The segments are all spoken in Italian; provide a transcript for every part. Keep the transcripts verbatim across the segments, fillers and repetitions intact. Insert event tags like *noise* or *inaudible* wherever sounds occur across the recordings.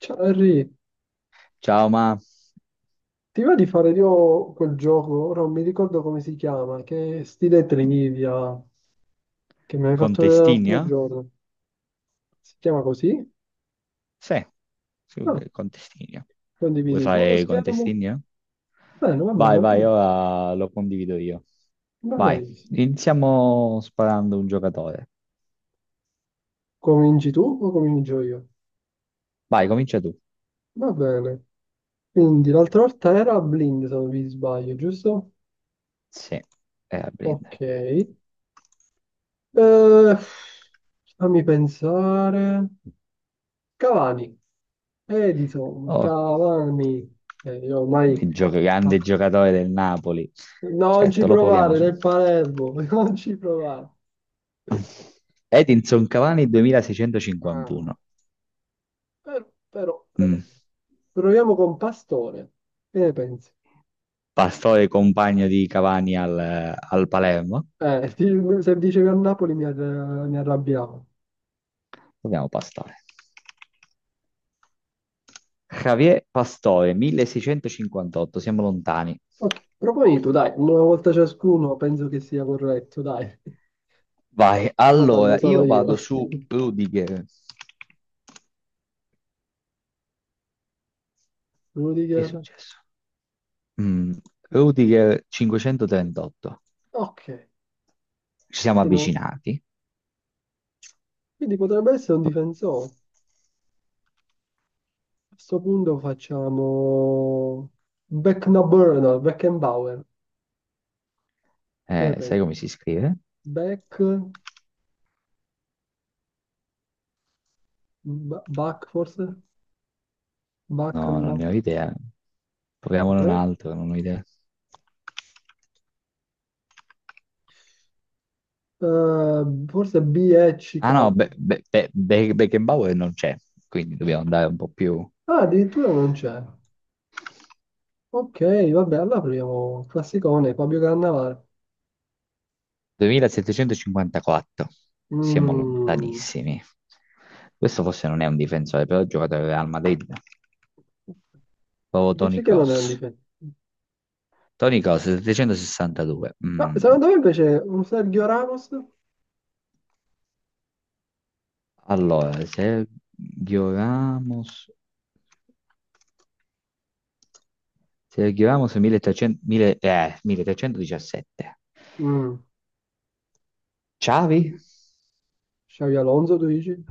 Ciao Henry, Ciao, ma ti va di fare io quel gioco? Ora non mi ricordo come si chiama, che è stile trivia che mi hai con fatto vedere l'altro Testigna? giorno. Si chiama così? Sì, sì, Ah, eh, con Testigna. Vuoi condividi tu lo fare con schermo? Testigna? Bene, va Vai, bene, vai, ora lo condivido io. va Vai, benissimo. iniziamo sparando un giocatore. Cominci tu o comincio io? Vai, comincia tu. Va bene. Quindi l'altra volta era blind, se non vi sbaglio, giusto? Sì, era Ok. Blind. Eh, fammi pensare. Cavani, Edison, Oh, Cavani. Eh, io ormai... il gio- la grande giocatore del Napoli. Non ci Certo, lo proviamo provare su. nel Palermo, *laughs* non ci provare. Edinson Cavani Ah, duemilaseicentocinquantuno. Però, però, però. Mm. Proviamo con Pastore. Che ne pensi? Pastore compagno di Cavani al, al Palermo. Eh, ti- se dicevi a Napoli mi, arra- mi arrabbiavo. Dobbiamo pastare. Javier Pastore, milleseicentocinquantotto, siamo lontani. Ok, proponi tu, dai, una volta ciascuno penso che sia corretto, dai. Vai, No, parlo allora, solo io io. vado *laughs* su Rudiger. Che è Rudiger. successo? Mm, Rudiger cinquecentotrentotto. Ok, Ci siamo quindi, non- avvicinati. quindi potrebbe essere un difensore. A questo punto facciamo Becknaburno, Beckenbauer. Che ne Eh, sai pensi? come si scrive? Back, ba- Back forse? Back No, and non Back. ne ho idea. Proviamone un Vabbè. altro, non ho idea. Eh, forse BECK. Ah no, Be- Be- Be- Be- Beckenbauer non c'è, quindi dobbiamo andare un po' più... Ah, addirittura non c'è. Ok, vabbè, allora proviamo classicone, Fabio Cannavale. ventisette cinquantaquattro. Siamo Mm, lontanissimi. Questo forse non è un difensore, però è un giocatore del Real Madrid. Proprio Toni dici che non è un Kroos. difetto. Toni Kroos, settecentosessantadue. Ma Mm. secondo me invece un Sergio Ramos, Allora, Sergio Ramos... Sergio Ramos milletrecento, mille eh, milletrecentodiciassette. mm, Xavi? Xavi Alonso, tu dici?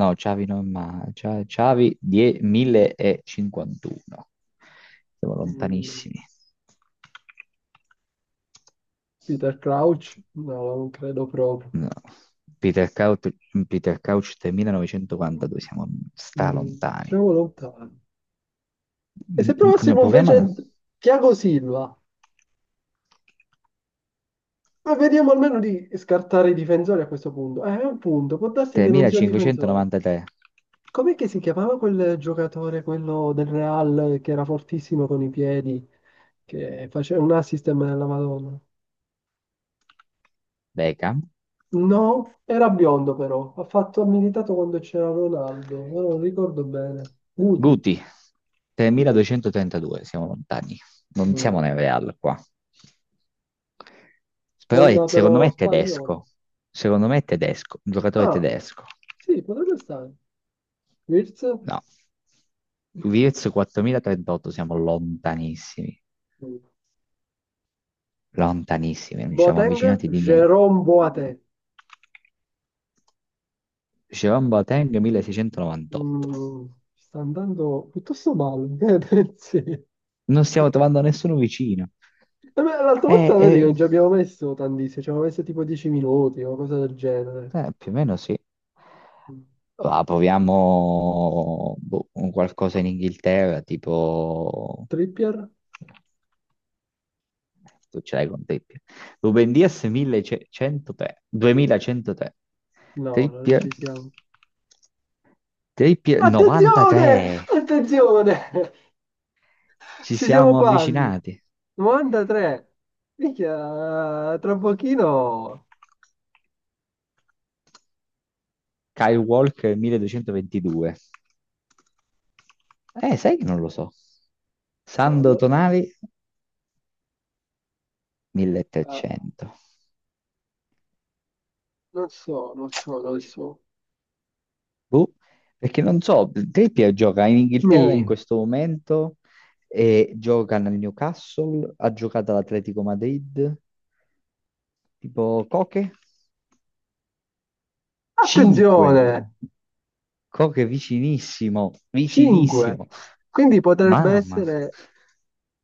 No, Xavi non ma Xavi Xavi die- millecinquantuno. Siamo Mm, lontanissimi. Peter Crouch? No, non credo proprio. No. Peter Couch, Peter Couch tremilanovecentoquarantadue, siamo, sta Mm, lontani. siamo lontani. E Mm, se mm, provassimo Proviamo invece a Thiago Silva? Ma vediamo almeno di scartare i difensori a questo punto. Eh, è un punto, può darsi che non sia un difensore. tremilacinquecentonovantatré. Com'è che si chiamava quel giocatore, quello del Real, che era fortissimo con i piedi, che faceva un assist della Madonna? Beckham. No, era biondo però, ha fatto, ha militato quando c'era Ronaldo, ora non ricordo bene. Guti, Guti, niente. tremiladuecentotrentadue, siamo lontani. Non siamo Mm. nel Real qua. Però è- Sponda però secondo me è spagnola. tedesco. Secondo me è tedesco, un giocatore Ah, tedesco. sì, potrebbe stare. Wirtz? No. Wirtz quattromilatrentotto, siamo lontanissimi. Mm. Lontanissimi, non ci siamo Boateng? avvicinati di niente. Jerome Boateng. Dicevamo Boateng milleseicentonovantotto. Mm, sta andando piuttosto male, *laughs* che ne pensi? Eh Non stiamo trovando nessuno vicino. beh, l'altra Eh, volta vedi che eh, non ci abbiamo messo tantissimo, ci abbiamo messo tipo dieci minuti o cosa del genere. eh, più o meno sì. Mm. Ah, proviamo boh, un qualcosa in Inghilterra, tipo... Trippier? Tu ce l'hai con Trippier. Ruben Dias millecentotré. duemilacentotré. No, non Trippier. ci siamo. Trippier novantatré. Attenzione! Attenzione! *laughs* Ci Ci siamo siamo quasi. avvicinati. novantatré. Minchia, tra pochino... Kyle Walker milleduecentoventidue. Eh, sai che non lo so. No, Sandro lo- Tonali eh, milletrecento. Non so, non so, non so. Boh, perché non so, Trippier gioca in Inghilterra in Mi. questo momento e gioca nel Newcastle, ha giocato all'Atletico Madrid, tipo Coche cinque. Attenzione! Coche vicinissimo, cinque. vicinissimo. Quindi potrebbe Mamma, essere.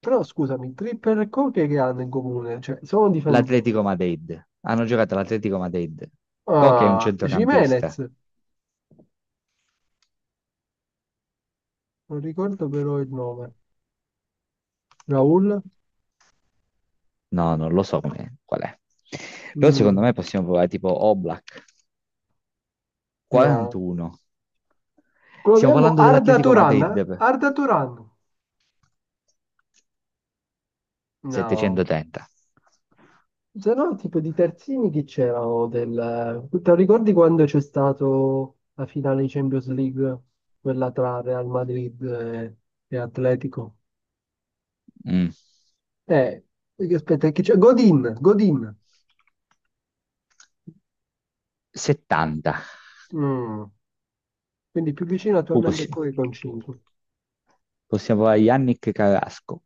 Però scusami, Tripper e Coque che hanno in comune? Cioè, sono difensori. l'Atletico Madrid. Hanno giocato all'Atletico Madrid. Coque è un Ah, Jimenez, centrocampista. non ricordo però il nome. Raul? No, non lo so come, qual è. Però secondo me Mm, possiamo provare tipo Oblak, no. quarantuno. Stiamo Proviamo parlando Arda dell'Atletico Turan. Eh? Madrid, per Arda Turan? No. settecentotrenta. Se no, tipo di terzini chi c'erano del... Te lo ricordi quando c'è stato la finale di Champions League? Quella tra Real Madrid e, e Atletico? Mm, Eh, Perché aspetta, chi c'è? Godin, Godin. settanta. Mm. Quindi più vicino Uh, attualmente è possiamo, Koke con cinque. possiamo provare Yannick Carrasco,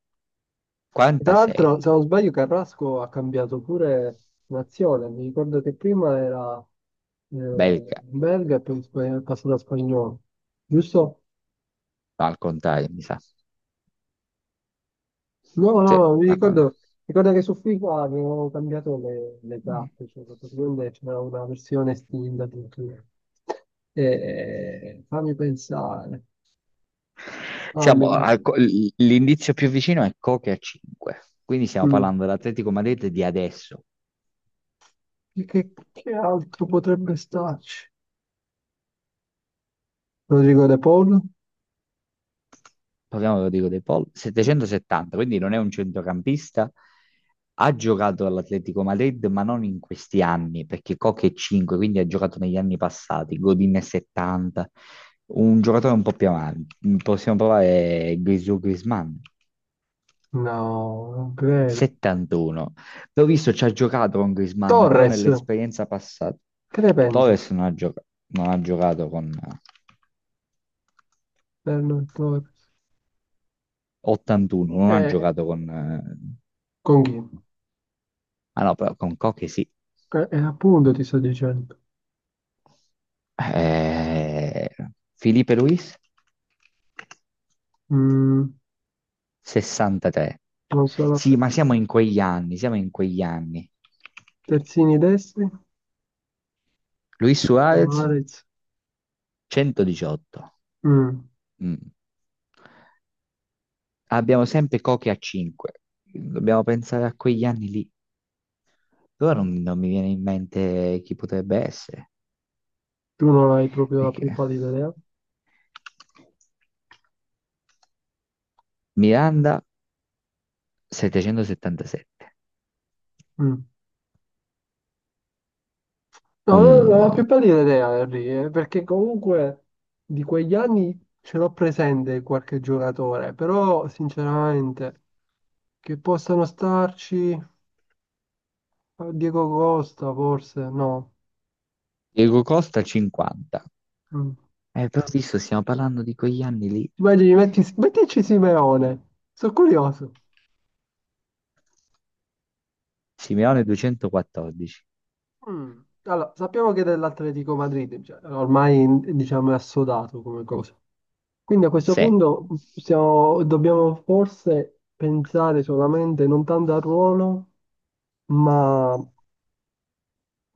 E tra quarantasei. l'altro, se non sbaglio, Carrasco ha cambiato pure nazione. Mi ricordo che prima era eh, Belga, belga e poi spa- è passato a spagnolo. Giusto? no, al contrario, mi sa. No, Sì, no, no, mi al contrario. ricordo, ricordo che su FIFA avevo cambiato le, le Mm. tappe, cioè praticamente c'era una versione estinta addirittura. E, fammi pensare, Siamo fammi... al co- l- l'indizio più vicino è Coque a cinque. Quindi stiamo mm. parlando dell'Atletico Madrid di adesso. Che, che che altro potrebbe starci? Rodrigo De Paul? Parliamo dico, dei Paul, settecentosettanta, quindi non è un centrocampista. Ha giocato all'Atletico Madrid, ma non in questi anni, perché Koch è cinque, quindi ha giocato negli anni passati, Godin è settanta, un giocatore un po' più avanti. Possiamo provare Grisù Griezmann, No, non credo. settantuno. L'ho visto, ci ha giocato con Griezmann, però Torres, nell'esperienza passata. che ne pensi? Torres non ha gioca- non ha giocato con Fernando Torres. ottantuno, non ha Eh, giocato con... eh, con chi? ah no, però con Koch sì. Eh, eh, appunto ti sto dicendo. Eh, Felipe Luis, Mm, sessantatré. non sono Sì, ma siamo in quegli anni, siamo in quegli anni. terzini destri. Luis Suarez, Suarez. centodiciotto. Mm, Mm. Abbiamo sempre Koke a cinque. Dobbiamo pensare a quegli anni lì. Però non, non mi viene in mente chi potrebbe essere. tu non hai proprio la più Perché pallida idea. Miranda, settecentosettantasette. Mm. No, non non ho la Mm. più pallida idea, Henry, eh, perché comunque di quegli anni ce l'ho presente qualche giocatore, però sinceramente che possano starci. Diego Costa, forse, no. Diego Costa, cinquanta. Mm. Eh, però visto, stiamo parlando di quegli anni lì. Immagini, metti, mettici Simeone. Sono curioso. Simeone duecentoquattordici. Mm. Allora, sappiamo che è dell'Atletico Madrid, cioè, ormai diciamo è assodato come cosa. Quindi a questo Sì. punto possiamo- dobbiamo forse pensare solamente non tanto al ruolo, ma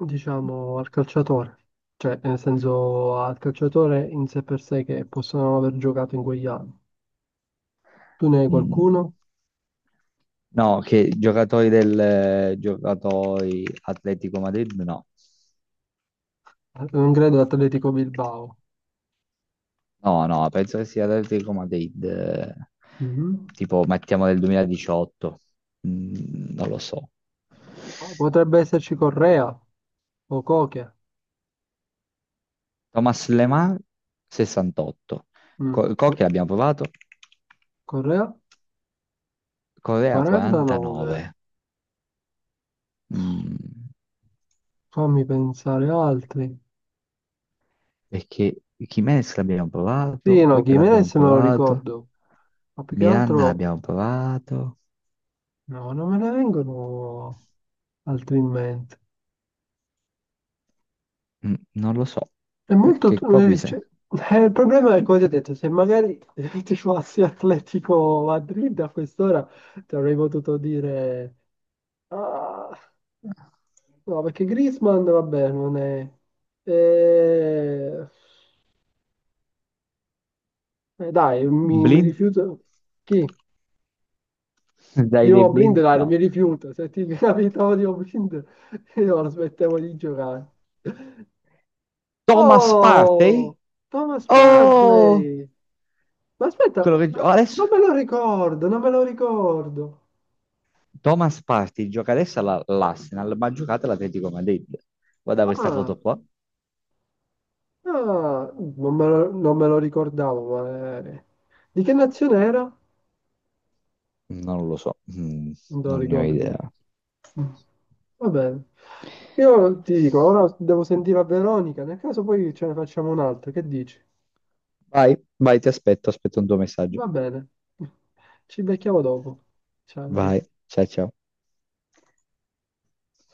diciamo al calciatore. Cioè, nel senso al calciatore in sé per sé che possono aver giocato in quegli anni. Tu ne hai Mm. qualcuno? No, che giocatori del giocatori Atletico Madrid? No. Eh, Non credo Atletico Bilbao. No, no, penso che sia Atletico Madrid. Eh, Mhm. tipo, mettiamo del duemiladiciotto. Mm, non lo so. Oh, potrebbe esserci Correa o Coche. Thomas Lemar sessantotto. Mm. Co- Co- Cocchi l'abbiamo provato. Correa Correa quarantanove. quarantanove. Mm. Fammi pensare altri. Perché Jimenez l'abbiamo provato, Sì, no, Koch l'abbiamo Gimenez me lo provato, ricordo, ma più che Miranda altro l'abbiamo provato. no, non me ne vengono altri in mente. Mm, non lo so, È molto... perché tu- qua eh, cioè, bisogna... eh, Il problema è come ti ho detto, se magari *laughs* ti fossi Atletico Madrid a quest'ora ti avrei potuto dire... Ah, no, perché Griezmann, vabbè, non è... Eh, Eh, dai, mi, mi Blind? rifiuto. Chi? *laughs* Di Dai dei nuovo Blind, blind? dai, non No. mi rifiuto. Se ti *laughs* capitavo di nuovo Blind, *laughs* io lo smettevo di giocare. Thomas Partey? Oh, Thomas Oh! Barclay. Ma aspetta, Quello che gio- ma- adesso... Non me lo ricordo, non me lo ricordo. Thomas Partey gioca adesso alla- all'Arsenal, ma ha giocato all'Atletico Madrid. Guarda questa Ah, foto qua. ah, non me lo, non me lo ricordavo, ma... eh, di che nazione era? Non lo so, mm, Non te lo non ne ho ricordi? idea. Mm. Va bene. Io ti dico, ora devo sentire a Veronica, nel caso poi ce ne facciamo un'altra, che dici? Vai, vai, ti aspetto, aspetto un tuo messaggio. Va bene. *laughs* Ci becchiamo dopo. Ciao. Vai, Enrico. ciao ciao.